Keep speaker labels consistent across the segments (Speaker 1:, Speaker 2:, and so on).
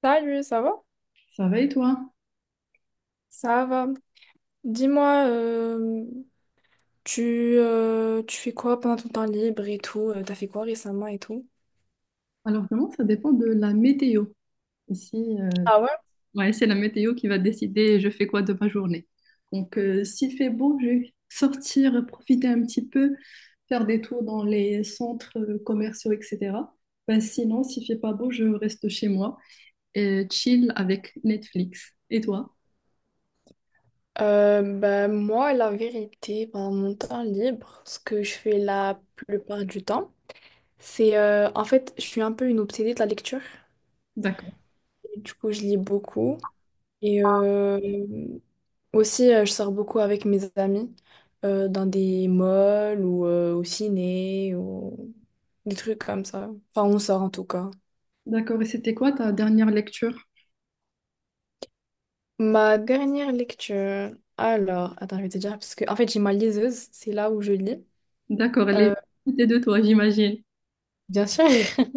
Speaker 1: Salut, ça va?
Speaker 2: Ça va et toi?
Speaker 1: Ça va. Dis-moi, tu fais quoi pendant ton temps libre et tout? T'as fait quoi récemment et tout?
Speaker 2: Alors vraiment, ça dépend de la météo. Ici,
Speaker 1: Ah ouais?
Speaker 2: ouais, c'est la météo qui va décider je fais quoi de ma journée. Donc, s'il fait beau, je vais sortir, profiter un petit peu, faire des tours dans les centres commerciaux, etc. Ben, sinon, s'il fait pas beau, je reste chez moi et chill avec Netflix. Et toi?
Speaker 1: Ben, moi, la vérité, pendant mon temps libre, ce que je fais la plupart du temps, en fait, je suis un peu une obsédée de la lecture.
Speaker 2: D'accord.
Speaker 1: Et du coup, je lis beaucoup. Et aussi, je sors beaucoup avec mes amis dans des malls ou au ciné ou des trucs comme ça. Enfin, on sort en tout cas.
Speaker 2: D'accord. Et c'était quoi ta dernière lecture?
Speaker 1: Ma dernière lecture. Alors, attends, je vais te dire, parce que en fait, j'ai ma liseuse, c'est là où je lis.
Speaker 2: D'accord. Elle est
Speaker 1: Euh,
Speaker 2: à côté de toi, j'imagine.
Speaker 1: Bien sûr.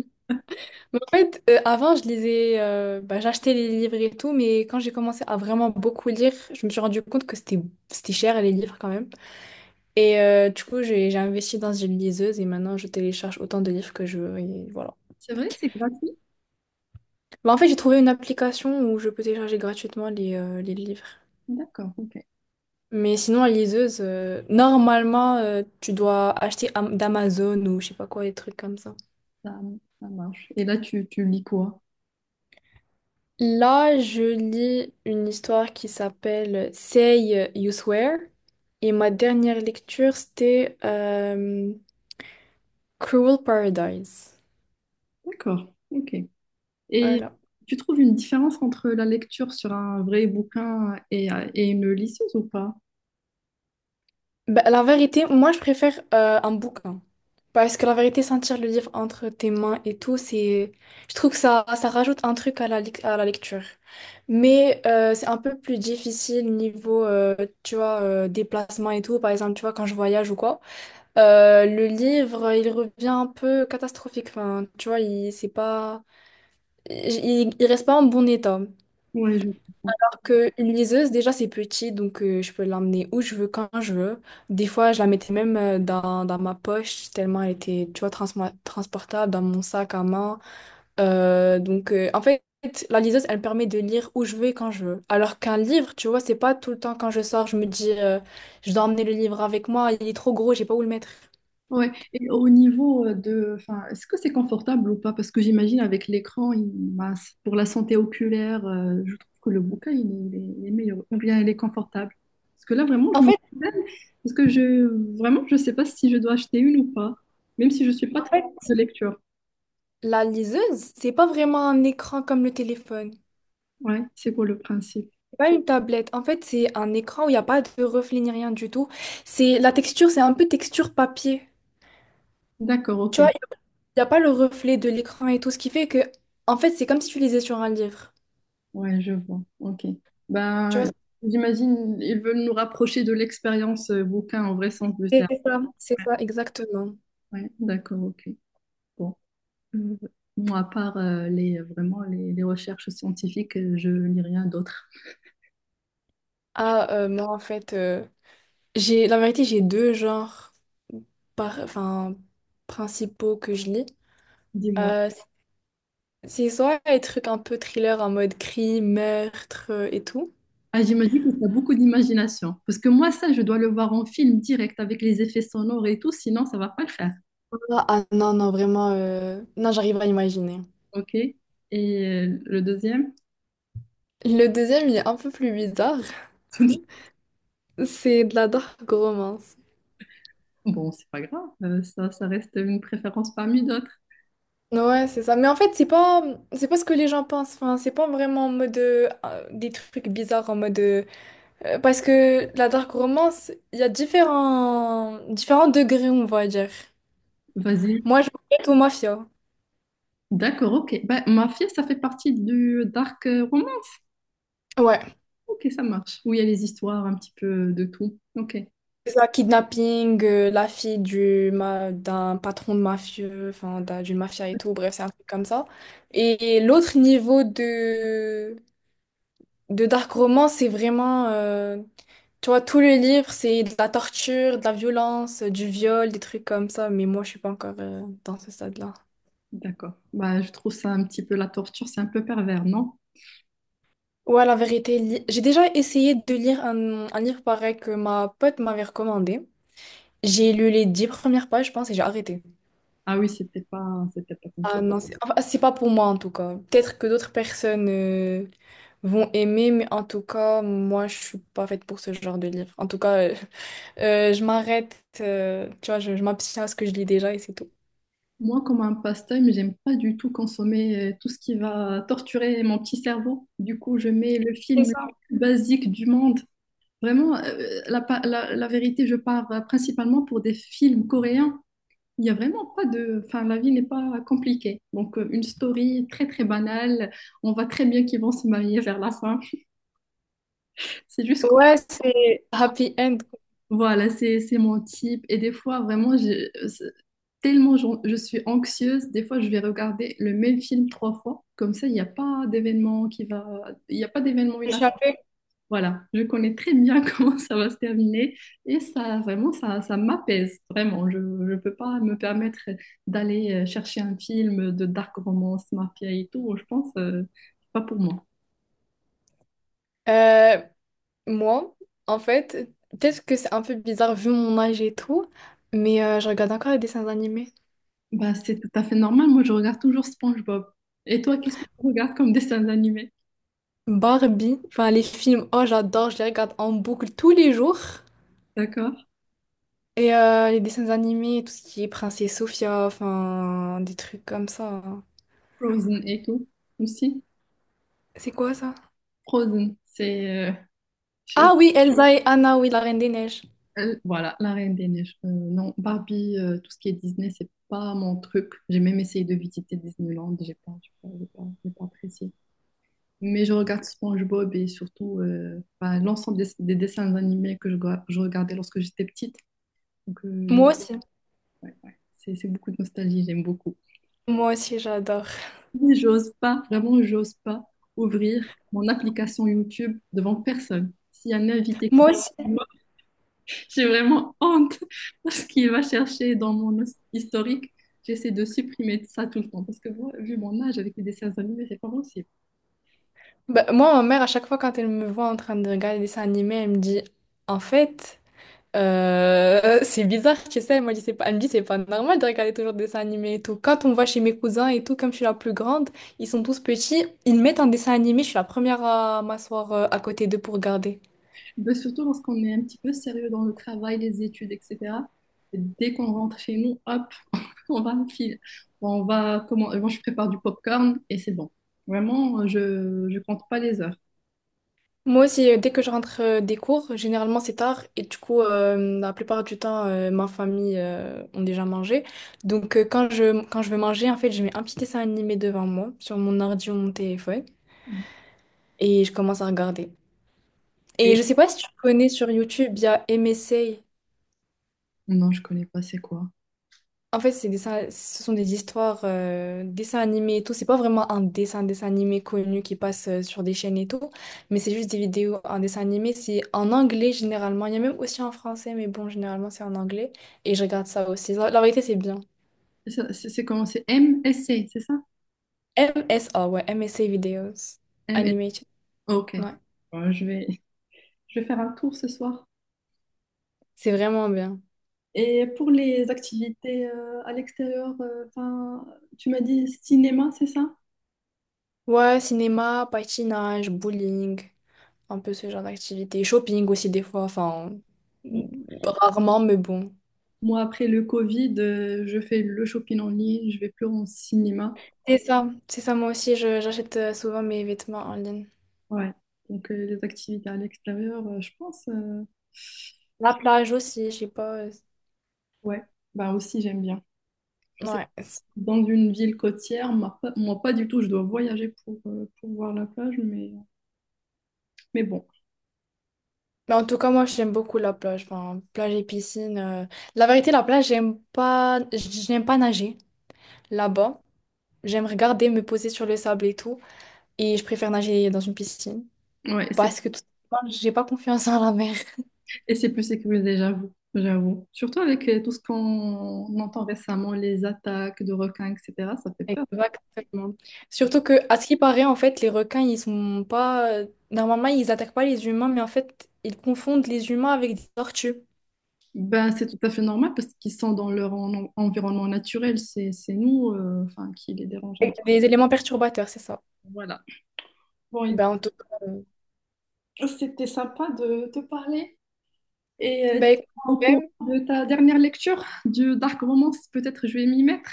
Speaker 1: Mais en fait, avant, je lisais, bah, j'achetais les livres et tout, mais quand j'ai commencé à vraiment beaucoup lire, je me suis rendu compte que c'était cher les livres quand même. Et du coup, j'ai investi dans une liseuse et maintenant je télécharge autant de livres que je veux. Et voilà.
Speaker 2: C'est vrai, c'est gratuit?
Speaker 1: Bah, en fait, j'ai trouvé une application où je peux télécharger gratuitement les livres.
Speaker 2: D'accord, ok.
Speaker 1: Mais sinon, la liseuse, normalement, tu dois acheter d'Amazon ou je sais pas quoi, des trucs comme ça.
Speaker 2: Ça, ça marche. Et là, tu lis quoi?
Speaker 1: Là, je lis une histoire qui s'appelle Say You Swear. Et ma dernière lecture, c'était Cruel Paradise.
Speaker 2: D'accord, ok. Et
Speaker 1: Voilà.
Speaker 2: tu trouves une différence entre la lecture sur un vrai bouquin et une liseuse ou pas?
Speaker 1: Ben, la vérité, moi je préfère un bouquin. Parce que la vérité, sentir le livre entre tes mains et tout, c'est. Je trouve que ça rajoute un truc à la lecture. Mais c'est un peu plus difficile niveau, tu vois, déplacement et tout. Par exemple, tu vois, quand je voyage ou quoi. Le livre, il revient un peu catastrophique. Enfin, tu vois, c'est pas. Il reste pas en bon état
Speaker 2: Ouais, je comprends.
Speaker 1: que une liseuse, déjà, c'est petit, donc je peux l'emmener où je veux, quand je veux. Des fois, je la mettais même dans ma poche, tellement elle était, tu vois, transportable, dans mon sac à main. Donc, en fait, la liseuse, elle me permet de lire où je veux et quand je veux. Alors qu'un livre, tu vois, c'est pas tout le temps quand je sors, je me dis, je dois emmener le livre avec moi, il est trop gros, j'ai pas où le mettre.
Speaker 2: Ouais. Et au niveau de, enfin, est-ce que c'est confortable ou pas? Parce que j'imagine avec l'écran, ben, pour la santé oculaire, je trouve que le bouquin, il est meilleur. Ou bien il est confortable. Parce que là, vraiment, je
Speaker 1: En
Speaker 2: me
Speaker 1: fait,
Speaker 2: problème. Parce que je, vraiment, je sais pas si je dois acheter une ou pas. Même si je suis pas très
Speaker 1: en fait,
Speaker 2: de lecture.
Speaker 1: la liseuse, c'est pas vraiment un écran comme le téléphone.
Speaker 2: Ouais, c'est pour le principe?
Speaker 1: Pas une tablette. En fait, c'est un écran où il n'y a pas de reflet ni rien du tout. C'est la texture, c'est un peu texture papier.
Speaker 2: D'accord,
Speaker 1: Tu vois,
Speaker 2: ok.
Speaker 1: il n'y a pas le reflet de l'écran et tout, ce qui fait que, en fait, c'est comme si tu lisais sur un livre.
Speaker 2: Ouais, je vois. Ok.
Speaker 1: Tu vois,
Speaker 2: Ben, j'imagine ils veulent nous rapprocher de l'expérience bouquin en vrai sens du terme.
Speaker 1: c'est
Speaker 2: Ouais,
Speaker 1: ça, exactement.
Speaker 2: ouais, d'accord, ok. Bon. Euh, moi, à part les les recherches scientifiques, je lis rien d'autre.
Speaker 1: Ah, moi, en fait, j'ai, la vérité, j'ai deux genres enfin, principaux que je lis.
Speaker 2: Dis-moi.
Speaker 1: Euh, c'est soit les trucs un peu thriller en mode crime, meurtre et tout.
Speaker 2: Ah, j'imagine que tu as beaucoup d'imagination. Parce que moi, ça, je dois le voir en film direct avec les effets sonores et tout, sinon ça va pas le faire.
Speaker 1: Ah ah, non, non, vraiment, non, j'arrive à imaginer.
Speaker 2: Ok? Et le deuxième?
Speaker 1: Le deuxième, il est un peu plus bizarre. C'est de la dark romance.
Speaker 2: Bon, c'est pas grave, ça, ça reste une préférence parmi d'autres.
Speaker 1: Ouais, c'est ça. Mais en fait, c'est pas ce que les gens pensent. Enfin, c'est pas vraiment en mode des trucs bizarres en mode parce que la dark romance, il y a différents degrés, on va dire.
Speaker 2: Vas-y.
Speaker 1: Moi, je m'arrête au mafia.
Speaker 2: D'accord, ok. Bah, Mafia, ça fait partie du dark roman.
Speaker 1: Ouais,
Speaker 2: Ok, ça marche. Où il y a les histoires, un petit peu de tout. Ok,
Speaker 1: c'est ça, kidnapping, la fille du d'un patron de mafieux, enfin d'une mafia et tout, bref, c'est un truc comme ça. Et l'autre niveau de dark romance, c'est vraiment, tu vois, tout le livre, c'est de la torture, de la violence, du viol, des trucs comme ça, mais moi, je suis pas encore dans ce stade-là.
Speaker 2: d'accord. Bah, je trouve ça un petit peu la torture, c'est un peu pervers, non?
Speaker 1: Ouais, la vérité, j'ai déjà essayé de lire un livre pareil que ma pote m'avait recommandé. J'ai lu les 10 premières pages, je pense, et j'ai arrêté.
Speaker 2: Ah oui, c'était pas comme ça.
Speaker 1: Ah non, c'est enfin, c'est pas pour moi en tout cas. Peut-être que d'autres personnes vont aimer, mais en tout cas, moi, je suis pas faite pour ce genre de livre. En tout cas, je m'arrête, tu vois, je m'abstiens à ce que je lis déjà et c'est tout.
Speaker 2: Moi, comme un passe-temps, j'aime pas du tout consommer tout ce qui va torturer mon petit cerveau. Du coup, je mets le
Speaker 1: C'est
Speaker 2: film le
Speaker 1: ça.
Speaker 2: plus basique du monde. Vraiment, la vérité, je pars principalement pour des films coréens. Il y a vraiment pas de... Enfin, la vie n'est pas compliquée. Donc, une story très, très banale. On voit très bien qu'ils vont se marier vers la fin. C'est juste quoi.
Speaker 1: Ouais, c'est Happy end.
Speaker 2: Voilà, c'est mon type. Et des fois, vraiment, tellement je suis anxieuse, des fois, je vais regarder le même film trois fois. Comme ça, il n'y a pas d'événement qui va... Il n'y a pas d'événement.
Speaker 1: Échappé.
Speaker 2: Voilà, je connais très bien comment ça va se terminer et ça, vraiment, ça m'apaise, vraiment. Je ne peux pas me permettre d'aller chercher un film de dark romance, mafia et tout. Je pense, c'est pas pour moi.
Speaker 1: Euh, Moi, en fait, peut-être que c'est un peu bizarre vu mon âge et tout, mais je regarde encore les dessins animés.
Speaker 2: Bah, c'est tout à fait normal. Moi, je regarde toujours SpongeBob. Et toi, qu'est-ce que tu regardes comme dessin animé?
Speaker 1: Barbie, enfin les films, oh j'adore, je les regarde en boucle tous les jours.
Speaker 2: D'accord?
Speaker 1: Et les dessins animés, tout ce qui est Princesse Sophia, enfin des trucs comme ça.
Speaker 2: Frozen et tout aussi.
Speaker 1: C'est quoi ça?
Speaker 2: Frozen, c'est, euh, je-
Speaker 1: Ah oui, Elsa et Anna, oui, la Reine des Neiges.
Speaker 2: Voilà, La Reine des Neiges. Non, Barbie, tout ce qui est Disney, c'est pas mon truc. J'ai même essayé de visiter Disneyland, j'ai pas apprécié. Mais je regarde SpongeBob et surtout bah, l'ensemble des dessins animés que je regardais lorsque j'étais petite. Donc,
Speaker 1: Moi aussi,
Speaker 2: ouais, ouais. C'est beaucoup de nostalgie, j'aime beaucoup.
Speaker 1: moi aussi j'adore.
Speaker 2: Mais j'ose pas, vraiment, j'ose pas ouvrir mon application YouTube devant personne. S'il y a un invité.
Speaker 1: Moi aussi.
Speaker 2: J'ai vraiment honte parce qu'il va chercher dans historique. J'essaie de supprimer ça tout le temps parce que moi, vu mon âge avec les dessins animés, c'est pas possible.
Speaker 1: Bah, moi, ma mère, à chaque fois, quand elle me voit en train de regarder des dessins animés, elle me dit, en fait, c'est bizarre, tu sais, elle m'a dit, c'est pas... elle me dit, c'est pas normal de regarder toujours des dessins animés et tout. Quand on va chez mes cousins et tout, comme je suis la plus grande, ils sont tous petits, ils mettent un dessin animé, je suis la première à m'asseoir à côté d'eux pour regarder.
Speaker 2: Mais surtout lorsqu'on est un petit peu sérieux dans le travail, les études, etc. Dès qu'on rentre chez nous, hop, on va me filer. Bon, on va comment. Moi, je prépare du popcorn et c'est bon. Vraiment, je compte pas les heures.
Speaker 1: Moi aussi, dès que je rentre des cours, généralement c'est tard et du coup, la plupart du temps, ma famille ont déjà mangé. Donc, quand je veux manger, en fait, je mets un petit dessin animé devant moi, sur mon ordi ou mon téléphone, et je commence à regarder. Et
Speaker 2: Et
Speaker 1: je sais pas si tu connais sur YouTube, il y a MSA.
Speaker 2: non, je connais pas. C'est quoi?
Speaker 1: En fait, c'est des ce sont des histoires, dessins animés et tout. C'est pas vraiment un dessin animé connu qui passe sur des chaînes et tout, mais c'est juste des vidéos en dessin animé. C'est en anglais généralement. Il y a même aussi en français, mais bon, généralement c'est en anglais. Et je regarde ça aussi. La vérité, c'est bien.
Speaker 2: Ça, c'est comment? C'est MSC, c'est ça?
Speaker 1: M S MSA, ouais, M S MSA Videos.
Speaker 2: M S
Speaker 1: Animated.
Speaker 2: MSC. Ok.
Speaker 1: Ouais,
Speaker 2: Bon, je vais faire un tour ce soir.
Speaker 1: c'est vraiment bien.
Speaker 2: Et pour les activités à l'extérieur, 'fin, tu m'as dit cinéma, c'est ça?
Speaker 1: Ouais, cinéma, patinage, bowling, un peu ce genre d'activité. Shopping aussi des fois, enfin,
Speaker 2: Mo-
Speaker 1: rarement, mais bon.
Speaker 2: Moi, après le Covid, je fais le shopping en ligne, je vais plus en cinéma.
Speaker 1: C'est ça, moi aussi, j'achète souvent mes vêtements en ligne.
Speaker 2: Ouais. Donc, les activités à l'extérieur, je pense,
Speaker 1: La plage aussi, je sais pas.
Speaker 2: ouais, bah aussi, j'aime bien. Je sais,
Speaker 1: Ouais.
Speaker 2: dans une ville côtière, moi, pas du tout, je dois voyager pour voir la plage, mais bon,
Speaker 1: Mais en tout cas, moi, j'aime beaucoup la plage. Enfin, plage et piscine. La vérité, la plage, j'aime pas, j'aime pas nager là-bas. J'aime regarder, me poser sur le sable et tout. Et je préfère nager dans une piscine.
Speaker 2: ouais, c'est.
Speaker 1: Parce que tout simplement, j'ai pas confiance en la mer.
Speaker 2: Et c'est plus sécurisé, j'avoue, j'avoue. Surtout avec tout ce qu'on entend récemment, les attaques de requins, etc., ça fait peur.
Speaker 1: Exactement. Surtout que, à ce qui paraît, en fait, les requins, ils sont pas. Normalement, ils attaquent pas les humains, mais en fait, ils confondent les humains avec des tortues.
Speaker 2: Ben, c'est tout à fait normal parce qu'ils sont dans leur environnement naturel. C'est nous, enfin, qui les dérange un petit
Speaker 1: Des éléments perturbateurs, c'est ça.
Speaker 2: peu. Voilà. Bon,
Speaker 1: Ben,
Speaker 2: écoute,
Speaker 1: en tout cas,
Speaker 2: c'était sympa de te parler. Et
Speaker 1: ben, écoute,
Speaker 2: au cours
Speaker 1: même,
Speaker 2: de ta dernière lecture du Dark Romance, peut-être je vais m'y mettre.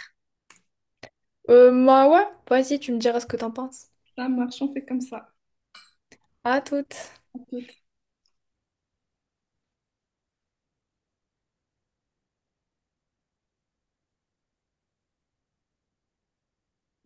Speaker 1: moi, ouais, vas-y, tu me diras ce que t'en penses.
Speaker 2: Ça marche, on fait comme ça.
Speaker 1: À toutes.
Speaker 2: On peut-